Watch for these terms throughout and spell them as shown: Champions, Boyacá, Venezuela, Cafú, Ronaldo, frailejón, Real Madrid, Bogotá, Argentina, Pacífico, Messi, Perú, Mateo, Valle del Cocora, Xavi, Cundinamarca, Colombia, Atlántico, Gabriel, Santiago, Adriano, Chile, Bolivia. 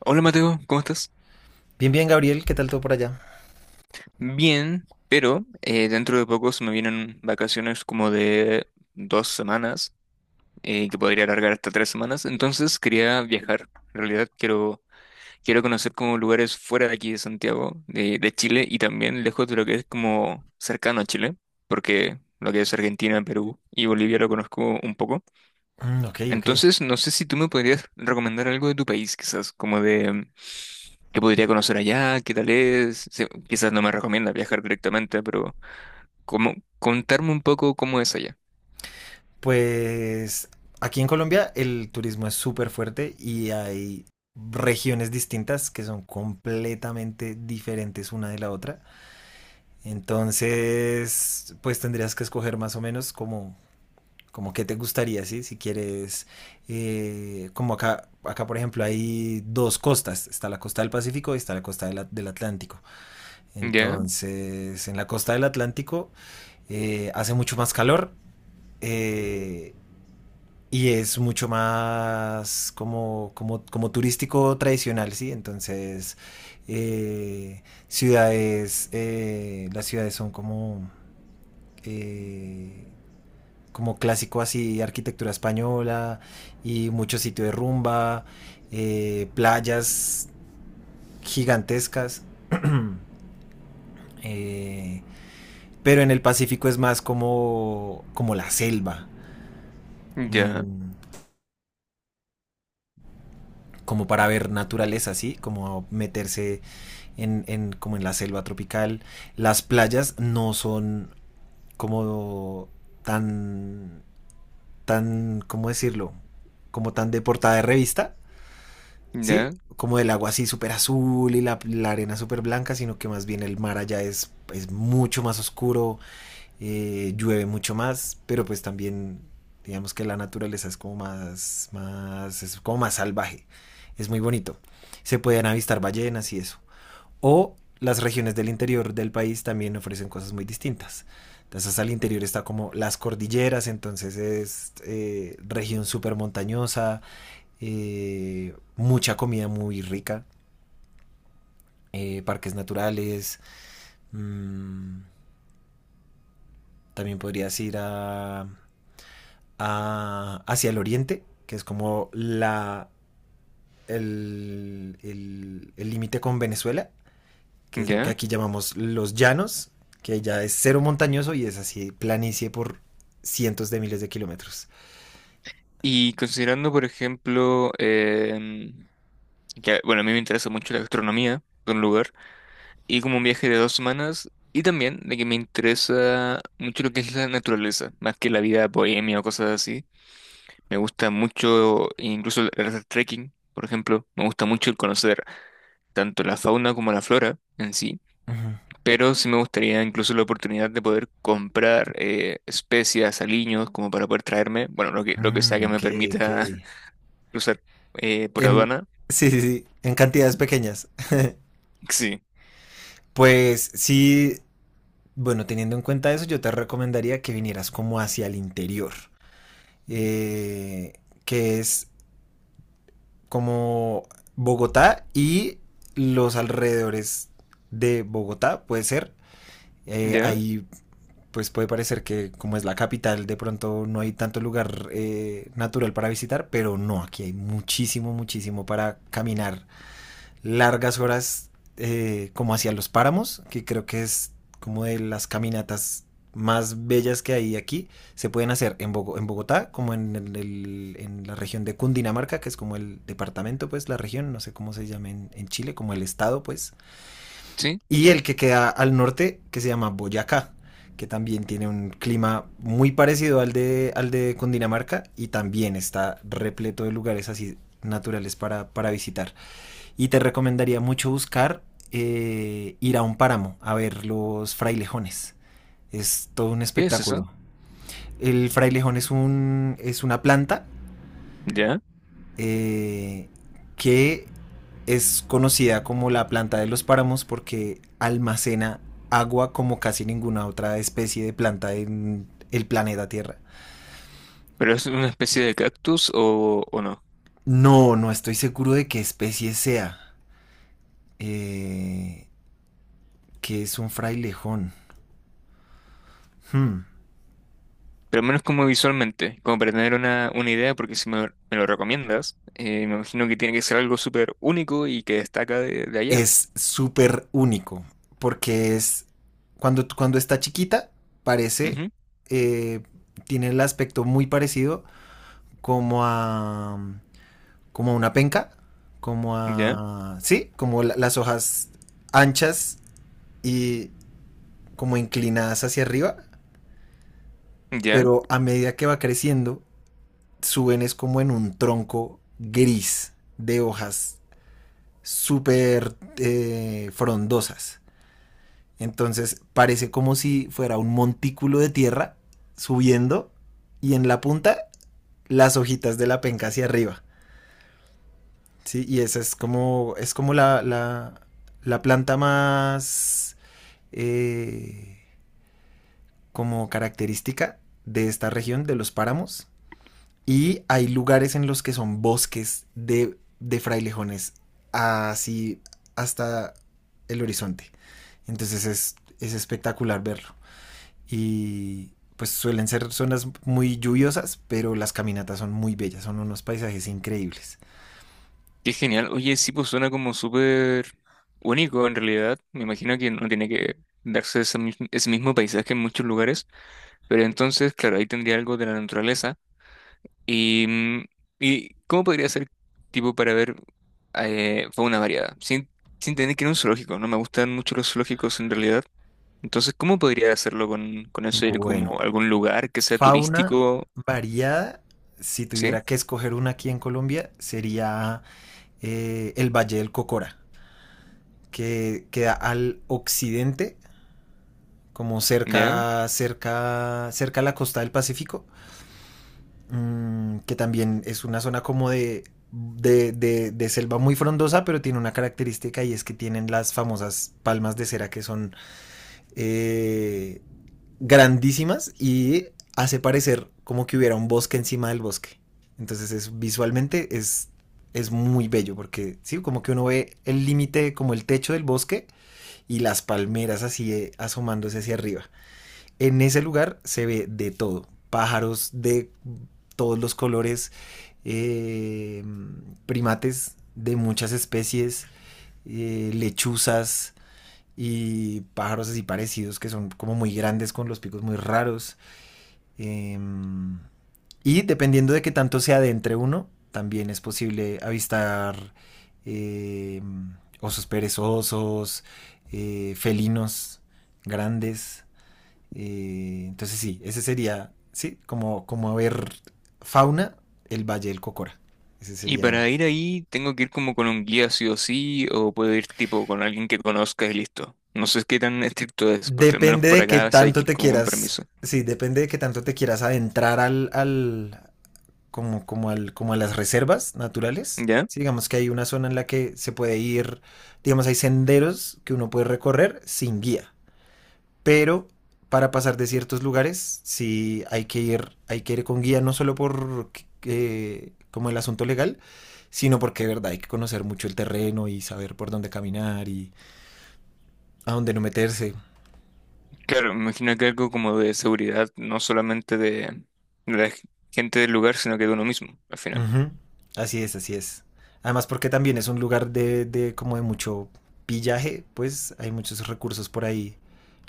Hola Mateo, ¿cómo estás? Bien, bien, Gabriel, ¿qué tal todo por allá? Bien, pero dentro de poco se me vienen vacaciones como de dos semanas, que podría alargar hasta tres semanas, entonces quería viajar. En realidad quiero conocer como lugares fuera de aquí de Santiago, de Chile, y también lejos de lo que es como cercano a Chile, porque lo que es Argentina, Perú y Bolivia lo conozco un poco. Mm, ok, ok. Entonces, no sé si tú me podrías recomendar algo de tu país, quizás, como de qué podría conocer allá, qué tal es. Quizás no me recomienda viajar directamente, pero como contarme un poco cómo es allá. Pues aquí en Colombia el turismo es súper fuerte y hay regiones distintas que son completamente diferentes una de la otra. Entonces, pues tendrías que escoger más o menos como qué te gustaría, ¿sí? Si quieres, como acá por ejemplo hay dos costas, está la costa del Pacífico y está la costa del Atlántico. Ya, Entonces, en la costa del Atlántico hace mucho más calor. Eh, y es mucho más como turístico tradicional, ¿sí? Entonces, las ciudades son eh, como clásico así, arquitectura española y mucho sitio de rumba, playas gigantescas. Eh, pero en el Pacífico es más como la selva. ya, Mm, Como para ver naturaleza, ¿sí? Como meterse como en la selva tropical. Las playas no son como tan, tan, ¿cómo decirlo? Como tan de portada de revista, ¿sí? ya, Como el agua así súper azul y la arena súper blanca, sino que más bien el mar allá es mucho más oscuro, llueve mucho más, pero pues también digamos que la naturaleza es como más salvaje, es muy bonito. Se pueden avistar ballenas y eso. O las regiones del interior del país también ofrecen cosas muy distintas. Entonces al interior está como las cordilleras, entonces es región súper montañosa, mucha comida muy rica, parques naturales, mmm, también podrías ir hacia el oriente, que es como el límite con Venezuela, que es lo que ya. aquí llamamos los llanos, que ya es cero montañoso y es así planicie por cientos de miles de kilómetros. Y considerando, por ejemplo, que, bueno, a mí me interesa mucho la gastronomía de un lugar, y como un viaje de dos semanas, y también de que me interesa mucho lo que es la naturaleza, más que la vida bohemia o cosas así. Me gusta mucho incluso el hacer trekking, por ejemplo. Me gusta mucho el conocer tanto la fauna como la flora en sí. Ujú. Pero sí me gustaría incluso la oportunidad de poder comprar especias, aliños, como para poder traerme, bueno, lo que sea Mm, que me ok, ok. permita cruzar por En, aduana. sí, sí, sí, en cantidades pequeñas. Sí. Pues sí, bueno, teniendo en cuenta eso, yo te recomendaría que vinieras como hacia el interior, eh, que es como Bogotá y los alrededores de Bogotá, puede ser. ¿Ya? Ahí pues puede parecer que como es la capital, de pronto no hay tanto lugar natural para visitar, pero no, aquí hay muchísimo, muchísimo para caminar largas horas como hacia los páramos, que creo que es como de las caminatas más bellas que hay aquí, se pueden hacer en Bogotá, como en la región de Cundinamarca, que es como el departamento, pues la región, no sé cómo se llama en Chile, como el estado, pues. ¿Sí? Y el que queda al norte, que se llama Boyacá, que también tiene un clima muy parecido al de Cundinamarca y también está repleto de lugares así naturales para visitar. Y te recomendaría mucho buscar ir a un páramo a ver los frailejones. Es todo un ¿Qué es eso? espectáculo. El frailejón es una planta ¿Ya? eh, que es conocida como la planta de los páramos porque almacena agua como casi ninguna otra especie de planta en el planeta Tierra. ¿Pero es una especie de cactus o no? No, no estoy seguro de qué especie sea. Eh, que es un frailejón. Hmm. Pero al menos como visualmente, como para tener una idea, porque si me lo recomiendas, me imagino que tiene que ser algo súper único y que destaca de allá. Es súper único, porque cuando está chiquita, parece, Ujú. eh, tiene el aspecto muy parecido como a, como a una penca, como Ya, a, sí, como las hojas anchas y como inclinadas hacia arriba, ya, pero a medida que va creciendo, suben es como en un tronco gris de hojas súper frondosas. Entonces parece como si fuera un montículo de tierra subiendo y en la punta las hojitas de la penca hacia arriba. Sí, y esa es como la planta más eh, como característica de esta región, de los páramos. Y hay lugares en los que son bosques de frailejones así hasta el horizonte. Entonces es espectacular verlo. Y pues suelen ser zonas muy lluviosas, pero las caminatas son muy bellas, son unos paisajes increíbles. qué genial. Oye, sí, pues suena como súper único en realidad. Me imagino que no tiene que darse ese mismo paisaje en muchos lugares, pero entonces, claro, ahí tendría algo de la naturaleza. ¿Y, y cómo podría ser tipo para ver fauna variada? Sin tener que ir a un zoológico, no me gustan mucho los zoológicos en realidad. Entonces, ¿cómo podría hacerlo con eso? Ir como Bueno, a algún lugar que sea fauna turístico, variada, si ¿sí? tuviera que escoger una aquí en Colombia, sería el Valle del Cocora, que queda al occidente, como ¿Ya? cerca, cerca, cerca a la costa del Pacífico, que también es una zona como de selva muy frondosa, pero tiene una característica y es que tienen las famosas palmas de cera que son eh, grandísimas y hace parecer como que hubiera un bosque encima del bosque. Entonces visualmente es muy bello porque sí, como que uno ve el límite, como el techo del bosque y las palmeras así asomándose hacia arriba. En ese lugar se ve de todo, pájaros de todos los colores, eh, primates de muchas especies, lechuzas y pájaros así parecidos que son como muy grandes con los picos muy raros. Eh, y dependiendo de qué tanto se adentre uno, también es posible avistar eh, osos perezosos, felinos grandes. Entonces sí, ese sería, sí, como ver fauna, el Valle del Cocora. Ese Y sería. para ir ahí, ¿tengo que ir como con un guía sí o sí? ¿O puedo ir tipo con alguien que conozca y listo? No sé qué tan estricto es, porque al menos Depende por de qué acá sí hay tanto que ir te como con quieras, permiso. sí, depende de qué tanto te quieras adentrar al, al, como, como al, como a las reservas naturales. ¿Ya? Sí, digamos que hay una zona en la que se puede ir, digamos, hay senderos que uno puede recorrer sin guía. Pero para pasar de ciertos lugares sí hay que ir con guía, no solo por como el asunto legal, sino porque de verdad hay que conocer mucho el terreno y saber por dónde caminar y a dónde no meterse. Claro, me imagino que algo como de seguridad, no solamente de, de la g- gente del lugar, sino que de uno mismo, al final. Ujú. Así es, así es. Además porque también es un lugar de como de mucho pillaje, pues hay muchos recursos por ahí.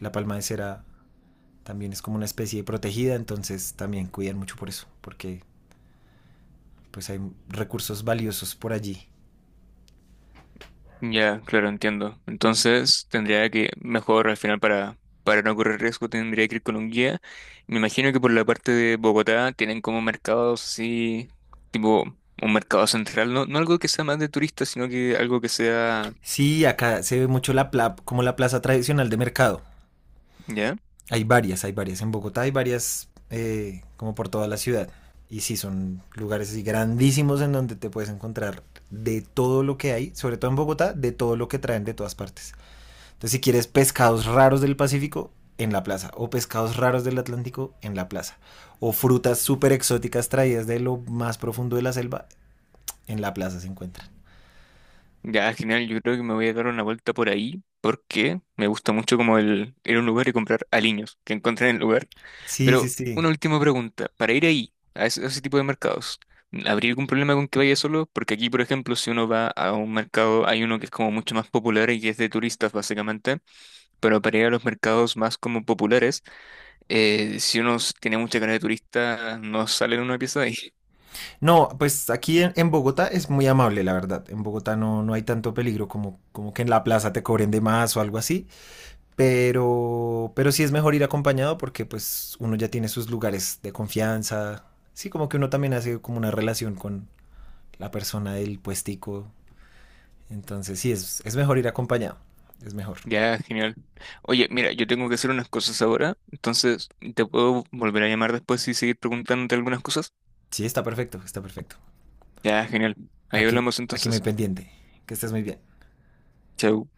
La palma de cera también es como una especie protegida, entonces también cuidan mucho por eso, porque pues hay recursos valiosos por allí. Ya, claro, entiendo. Entonces, tendría mejor al final para no correr riesgo, tendría que ir con un guía. Me imagino que por la parte de Bogotá tienen como mercados así, tipo un mercado central, no, no algo que sea más de turistas, sino que algo que sea, Sí, acá se ve mucho la plaza tradicional de mercado. ya, Hay varias, hay varias. En Bogotá hay varias como por toda la ciudad. Y sí, son lugares así grandísimos en donde te puedes encontrar de todo lo que hay, sobre todo en Bogotá, de todo lo que traen de todas partes. Entonces, si quieres pescados raros del Pacífico, en la plaza. O pescados raros del Atlántico, en la plaza. O frutas súper exóticas traídas de lo más profundo de la selva, en la plaza se encuentran. ya, genial, yo creo que me voy a dar una vuelta por ahí, porque me gusta mucho como el ir a un lugar y comprar aliños que encontré en el lugar. Sí, sí, Pero una sí. última pregunta, para ir ahí, a ese tipo de mercados, ¿habría algún problema con que vaya solo? Porque aquí, por ejemplo, si uno va a un mercado, hay uno que es como mucho más popular y que es de turistas, básicamente, pero para ir a los mercados más como populares, si uno tiene mucha cara de turista, no sale en una pieza de ahí. No, pues aquí en Bogotá es muy amable, la verdad. En Bogotá no, no hay tanto peligro como que en la plaza te cobren de más o algo así. Pero sí es mejor ir acompañado porque pues uno ya tiene sus lugares de confianza. Sí, como que uno también hace como una relación con la persona del puestico. Entonces sí, es mejor ir acompañado. Es mejor. Ya, genial. Oye, mira, yo tengo que hacer unas cosas ahora, entonces, ¿te puedo volver a llamar después y seguir preguntándote algunas cosas? Sí, está perfecto, está perfecto. Ya, genial. Ahí Aquí, hablamos aquí muy entonces. pendiente. Que estés muy bien. Chau.